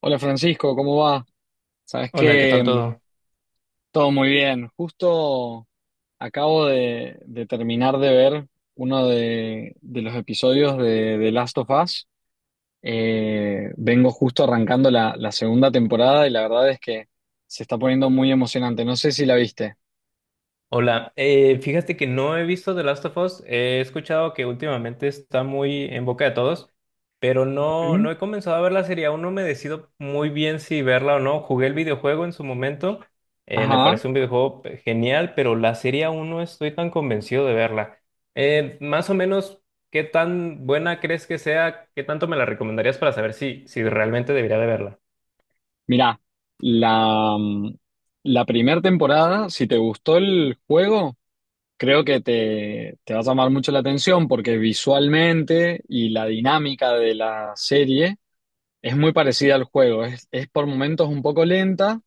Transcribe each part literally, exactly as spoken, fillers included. Hola Francisco, ¿cómo va? Sabes Hola, ¿qué tal que mm, todo? todo muy bien. Justo acabo de, de terminar de ver uno de, de los episodios de, de Last of Us. Eh, vengo justo arrancando la, la segunda temporada y la verdad es que se está poniendo muy emocionante. No sé si la viste. Hola, eh, fíjate que no he visto The Last of Us, he escuchado que últimamente está muy en boca de todos, pero no, ¿Mm? no he comenzado a ver la serie, aún no me decido muy bien si verla o no. Jugué el videojuego en su momento, eh, me Ajá. parece un videojuego pe- genial, pero la serie aún no estoy tan convencido de verla. Eh, más o menos, ¿qué tan buena crees que sea? ¿Qué tanto me la recomendarías para saber si, si realmente debería de verla? Mirá, la, mm, la primera temporada, si te gustó el juego. Creo que te, te va a llamar mucho la atención porque visualmente y la dinámica de la serie es muy parecida al juego. Es, es por momentos un poco lenta,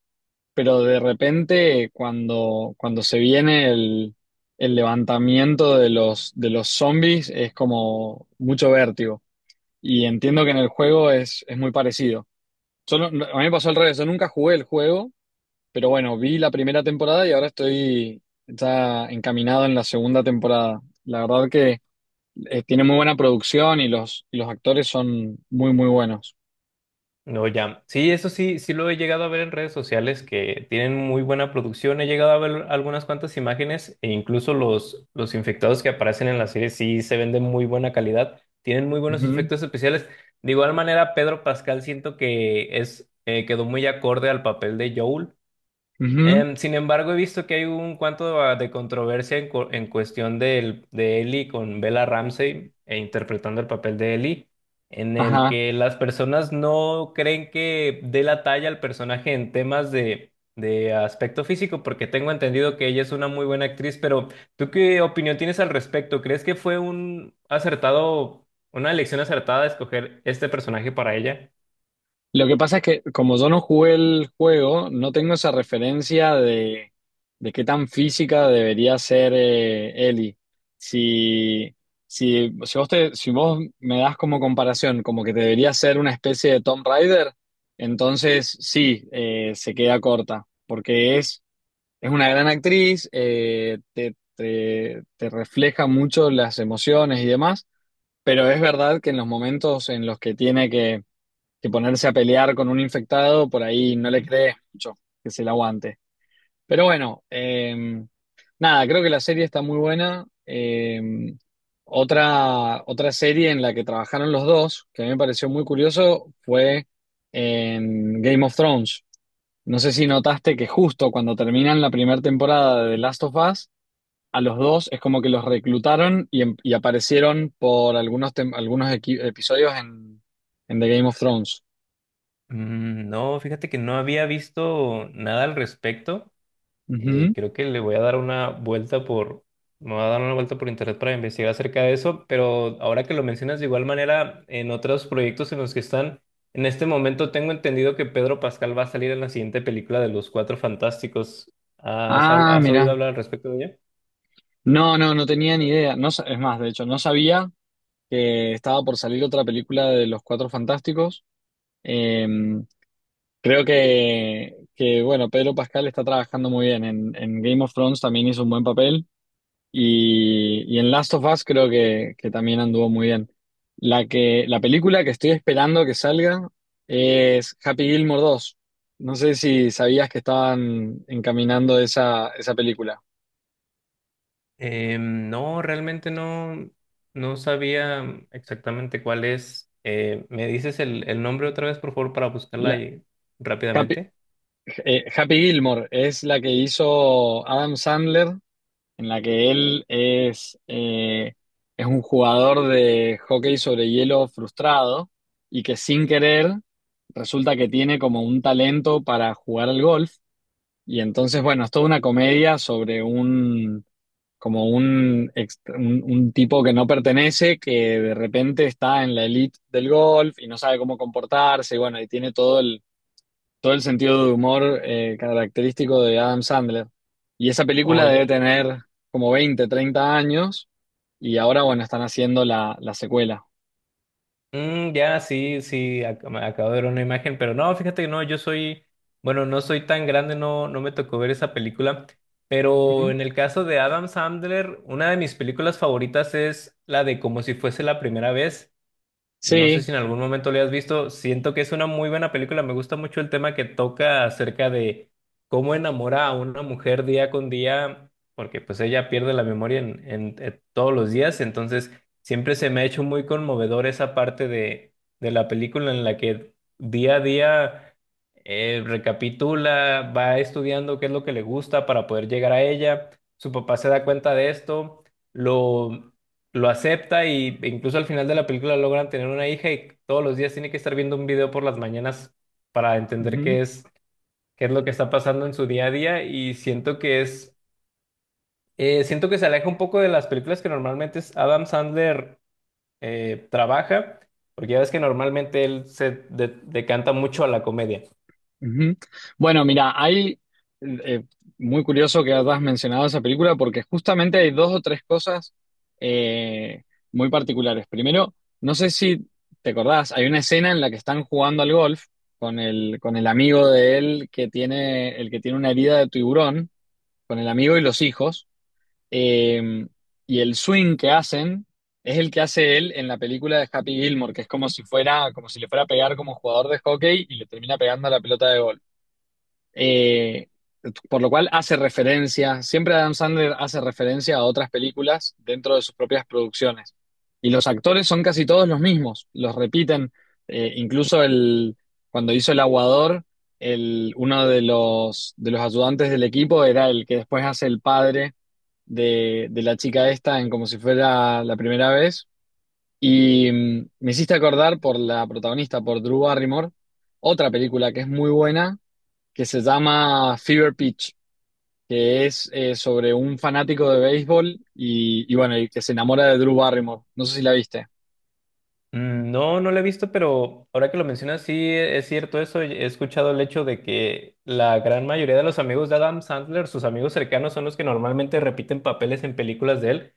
pero de repente cuando, cuando se viene el, el levantamiento de los, de los zombies es como mucho vértigo. Y entiendo que en el juego es, es muy parecido. Yo no- no- a mí me pasó al revés, yo nunca jugué el juego, pero bueno, vi la primera temporada y ahora estoy ya encaminado en la segunda temporada. La verdad que eh, tiene muy buena producción y los, y los actores son muy, muy buenos. No, ya. Sí, eso sí, sí lo he llegado a ver en redes sociales que tienen muy buena producción. He llegado a ver algunas cuantas imágenes e incluso los, los infectados que aparecen en la serie sí se ven de muy buena calidad. Tienen muy buenos Ujú, efectos especiales. De igual manera, Pedro Pascal siento que es, eh, quedó muy acorde al papel de Joel. ujú, Em, sin embargo, he visto que hay un cuanto a- de controversia en, cu- en cuestión del- de Ellie con Bella Ramsey e interpretando el papel de Ellie, en el ajá. que las personas no creen que dé la talla al personaje en temas de, de aspecto físico, porque tengo entendido que ella es una muy buena actriz, pero ¿tú qué opinión tienes al respecto? ¿Crees que fue un acertado, una elección acertada de escoger este personaje para ella? Lo que pasa es que como yo no jugué el juego, no tengo esa referencia de, de qué tan física debería ser eh, Ellie. Si, si, si vos te- si vos me das como comparación, como que debería ser una especie de Tomb Raider, entonces sí, eh, se queda corta, porque es, es una gran actriz, eh, te, te te refleja mucho las emociones y demás, pero es verdad que en los momentos en los que tiene que que ponerse a pelear con un infectado, por ahí no le crees mucho que se la aguante. Pero bueno, eh, nada, creo que la serie está muy buena. Eh, otra, otra serie en la que trabajaron los dos, que a mí me pareció muy curioso, fue en Game of Thrones. No sé si notaste que justo cuando terminan la primera temporada de The Last of Us, a los dos es como que los reclutaron y, em- y aparecieron por algunos, tem- algunos equi- episodios en, en The Game of Thrones. Mm, no, fíjate que no había visto nada al respecto. Eh, Ujú. Creo que le voy a dar una vuelta por, me voy a dar una vuelta por internet para investigar acerca de eso, pero ahora que lo mencionas de igual manera, en otros proyectos en los que están, en este momento tengo entendido que Pedro Pascal va a salir en la siguiente película de Los Cuatro Fantásticos. ¿Has, hab- Ah, has oído mira. hablar al respecto de ella? No, no, no tenía ni idea. No, sa- es más, de hecho, no sabía que estaba por salir otra película de Los Cuatro Fantásticos. Eh, creo que, que, bueno, Pedro Pascal está trabajando muy bien. En, en Game of Thrones también hizo un buen papel. Y, y en Last of Us creo que, que también anduvo muy bien. La que, la película que estoy esperando que salga es Happy Gilmore dos. No sé si sabías que estaban encaminando esa, esa película. Eh, no, realmente no, no sabía exactamente cuál es. Eh, ¿me dices el, el nombre otra vez, por favor, para buscarla La- ahí Happy- rápidamente? Eh, Happy Gilmore es la que hizo Adam Sandler, en la que él es, eh, es un jugador de hockey sobre hielo frustrado y que sin querer resulta que tiene como un talento para jugar al golf. Y entonces, bueno, es toda una comedia sobre un, como un, ex- un, un tipo que no pertenece, que de repente está en la elite del golf y no sabe cómo comportarse, y bueno, y tiene todo todo el sentido de humor eh, característico de Adam Sandler. Y esa película debe Oye. tener como veinte treinta años y ahora, bueno, están haciendo la, la secuela. Mm, ya, sí, sí, ac- me acabo de ver una imagen, pero no, fíjate que no, yo soy, bueno, no soy tan grande, no, no me tocó ver esa película, pero Ujú. en el caso de Adam Sandler, una de mis películas favoritas es la de Como si fuese la primera vez. No sé Sí, si en algún momento le has visto. Siento que es una muy buena película. Me gusta mucho el tema que toca acerca de cómo enamora a una mujer día con día, porque pues ella pierde la memoria en, en- en todos los días. Entonces, siempre se me ha hecho muy conmovedor esa parte de, de la película en la que día a día. Eh, recapitula, va estudiando qué es lo que le gusta para poder llegar a ella. Su papá se da cuenta de esto, lo, lo acepta y e incluso al final de la película logran tener una hija y todos los días tiene que estar viendo un video por las mañanas para entender ujú. qué es, qué es lo que está pasando en su día a día y siento que es, eh, siento que se aleja un poco de las películas que normalmente es- Adam Sandler eh, trabaja, porque ya ves que normalmente él se de- decanta mucho a la comedia. Ujú. Bueno, mira, hay eh, muy curioso que hayas mencionado esa película porque justamente hay dos o tres cosas eh, muy particulares. Primero, no sé si te acordás, hay una escena en la que están jugando al golf con el, con el amigo de él que tiene, el que tiene una herida de tiburón, con el amigo y los hijos. Eh, y el swing que hacen es el que hace él en la película de Happy Gilmore, que es como si fuera, como si le fuera a pegar como jugador de hockey y le termina pegando a la pelota de golf. Eh, por lo cual hace referencia, siempre Adam Sandler hace referencia a otras películas dentro de sus propias producciones. Y los actores son casi todos los mismos, los repiten. Eh, incluso el, cuando hizo El Aguador, el, uno de los, de los ayudantes del equipo era el que después hace el padre de, de la chica esta en como si fuera la primera vez. Y mm, me hiciste acordar por la protagonista, por Drew Barrymore, otra película que es muy buena, que se llama Fever Pitch, que es eh, sobre un fanático de béisbol y, y bueno, y que se enamora de Drew Barrymore. No sé si la viste. Mm, no, no la he visto, pero ahora que lo mencionas, sí e- es cierto eso. He escuchado el hecho de que la gran mayoría de los amigos de Adam Sandler, sus amigos cercanos, son los que normalmente repiten papeles en películas de él,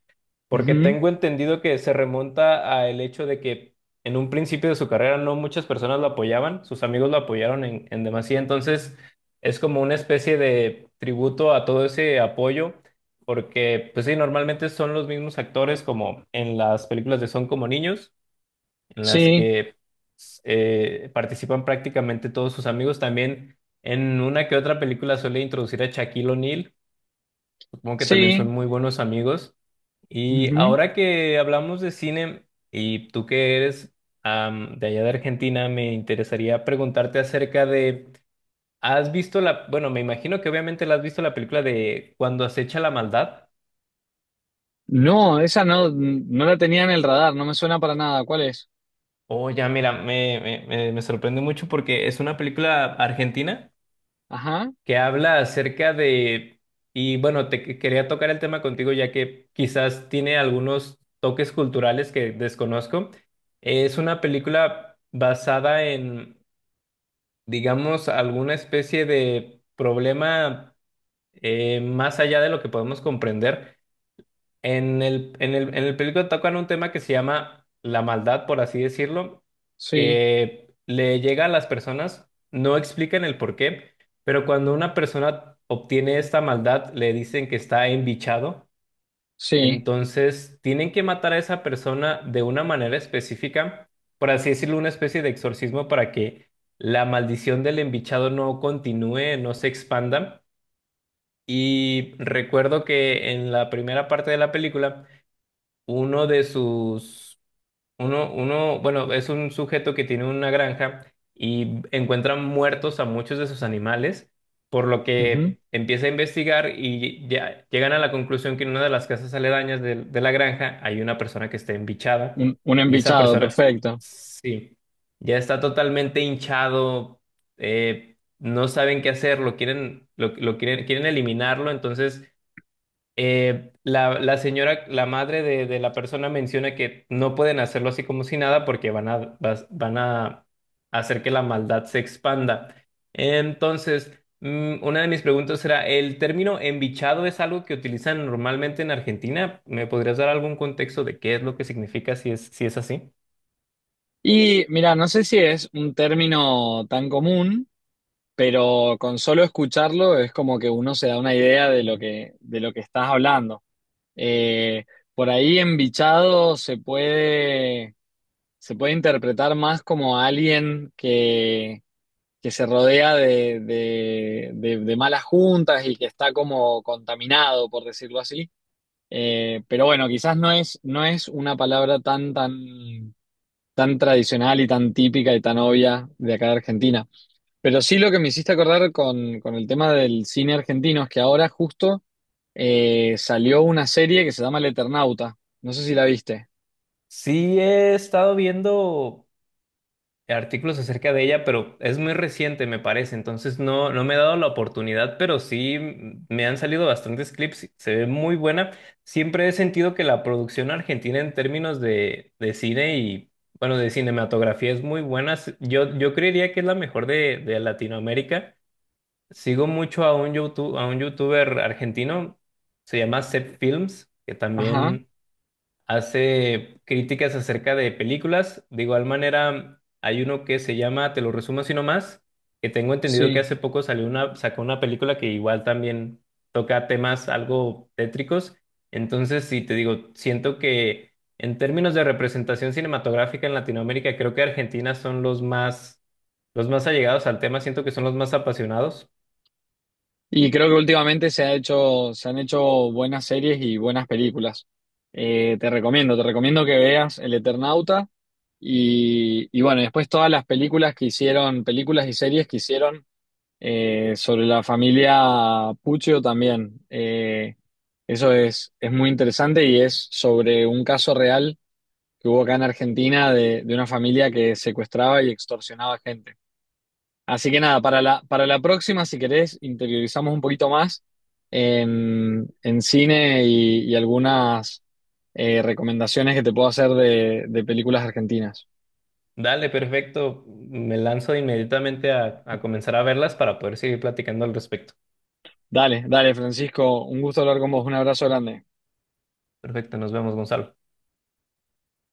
porque Ujú. tengo entendido que se remonta al hecho de que en un principio de su carrera no muchas personas lo apoyaban, sus amigos lo apoyaron en, en demasía, entonces es como una especie de tributo a todo ese apoyo. Porque, pues sí, normalmente son los mismos actores como en las películas de Son como niños, en las Sí, que eh, participan prácticamente todos sus amigos. También en una que otra película suele introducir a Shaquille O'Neal, supongo que también son sí. muy buenos amigos. Y Ujú. ahora que hablamos de cine, y tú que eres am, de allá de Argentina, me interesaría preguntarte acerca de, ¿has visto la, bueno, me imagino que obviamente la has visto la película de Cuando acecha la maldad? No, esa no, no la tenía en el radar, no me suena para nada. ¿Cuál es? Oh, ya, mira, me, me, me me sorprende mucho porque es una película argentina Ajá, que habla acerca de, y bueno, te que- quería tocar el tema contigo ya que quizás tiene algunos toques culturales que desconozco. Es una película basada en, digamos, alguna especie de problema eh, más allá de lo que podemos comprender. En el, en el, en el película tocan un tema que se llama la maldad, por así decirlo, sí, que le llega a las personas, no explican el por qué, pero cuando una persona obtiene esta maldad, le dicen que está embichado, sí. entonces tienen que matar a esa persona de una manera específica, por así decirlo, una especie de exorcismo para que la maldición del embichado no continúe, no se expanda. Y recuerdo que en la primera parte de la película, uno de sus, uno, uno, bueno, es un sujeto que tiene una granja y encuentra muertos a muchos de sus animales, por lo Ujú. que empieza a investigar y ya llegan a la conclusión que en una de las casas aledañas de, de la granja hay una persona que está embichada Un, un y esa embichado, persona, perfecto. sí, ya está totalmente hinchado, eh, no saben qué hacer, lo quieren, lo, lo quieren, quieren eliminarlo, entonces eh, la, la señora, la madre de, de la persona menciona que no pueden hacerlo así como si nada porque van a, vas- van a hacer que la maldad se expanda. Entonces, mm, una de mis preguntas era, ¿el término embichado es algo que utilizan normalmente en Argentina? ¿Me podrías dar algún contexto de qué es lo que significa si es, si es así? Y mira, no sé si es un término tan común, pero con solo escucharlo es como que uno se da una idea de lo que, de lo que estás hablando. Eh, por ahí embichado se puede, se puede interpretar más como alguien que, que se rodea de, de- de- de malas juntas y que está como contaminado, por decirlo así. Eh, pero bueno, quizás no es, no es una palabra tan, tan, tan tradicional y tan típica y tan obvia de acá de Argentina. Pero sí lo que me hiciste acordar con, con el tema del cine argentino es que ahora justo eh, salió una serie que se llama El Eternauta. No sé si la viste. Sí, he estado viendo artículos acerca de ella, pero es muy reciente, me parece. Entonces no, no me he dado la oportunidad, pero sí mm, me han salido bastantes clips. Se ve muy buena. Siempre he sentido que la producción argentina en términos de, de cine y, bueno, de cinematografía es muy buena. S- Yo, yo creería que es la mejor de, de Latinoamérica. Sigo mucho a un YouTube, a un youtuber argentino, se llama Seth Films, que Ajá, también hace críticas acerca de películas. De igual manera, hay uno que se llama, te lo resumo así nomás, que tengo entendido que sí. hace poco salió una, sacó una película que igual también toca temas algo tétricos. Entonces, sí, te digo, siento que en términos de representación cinematográfica en Latinoamérica, creo que Argentina son los más, los más allegados al tema, siento que son los más apasionados. Y creo que últimamente se ha hecho, se han hecho buenas series y buenas películas. Eh, te recomiendo, te recomiendo que veas El Eternauta y, y bueno, después todas las películas que hicieron, películas y series que hicieron Eh, sobre la familia Puccio también. Eh, eso es, es muy interesante y es sobre un caso real que hubo acá en Argentina de, de una familia que secuestraba y extorsionaba gente. Así que nada, para la, para la próxima, si querés, interiorizamos un poquito más en, en cine y, y algunas eh, recomendaciones que te puedo hacer de, de películas argentinas. Dale, perfecto. Me lanzo inmediatamente a, a comenzar a verlas para poder seguir platicando al respecto. Dale, dale, Francisco, un gusto hablar con vos, un abrazo grande. Perfecto, nos vemos, Gonzalo.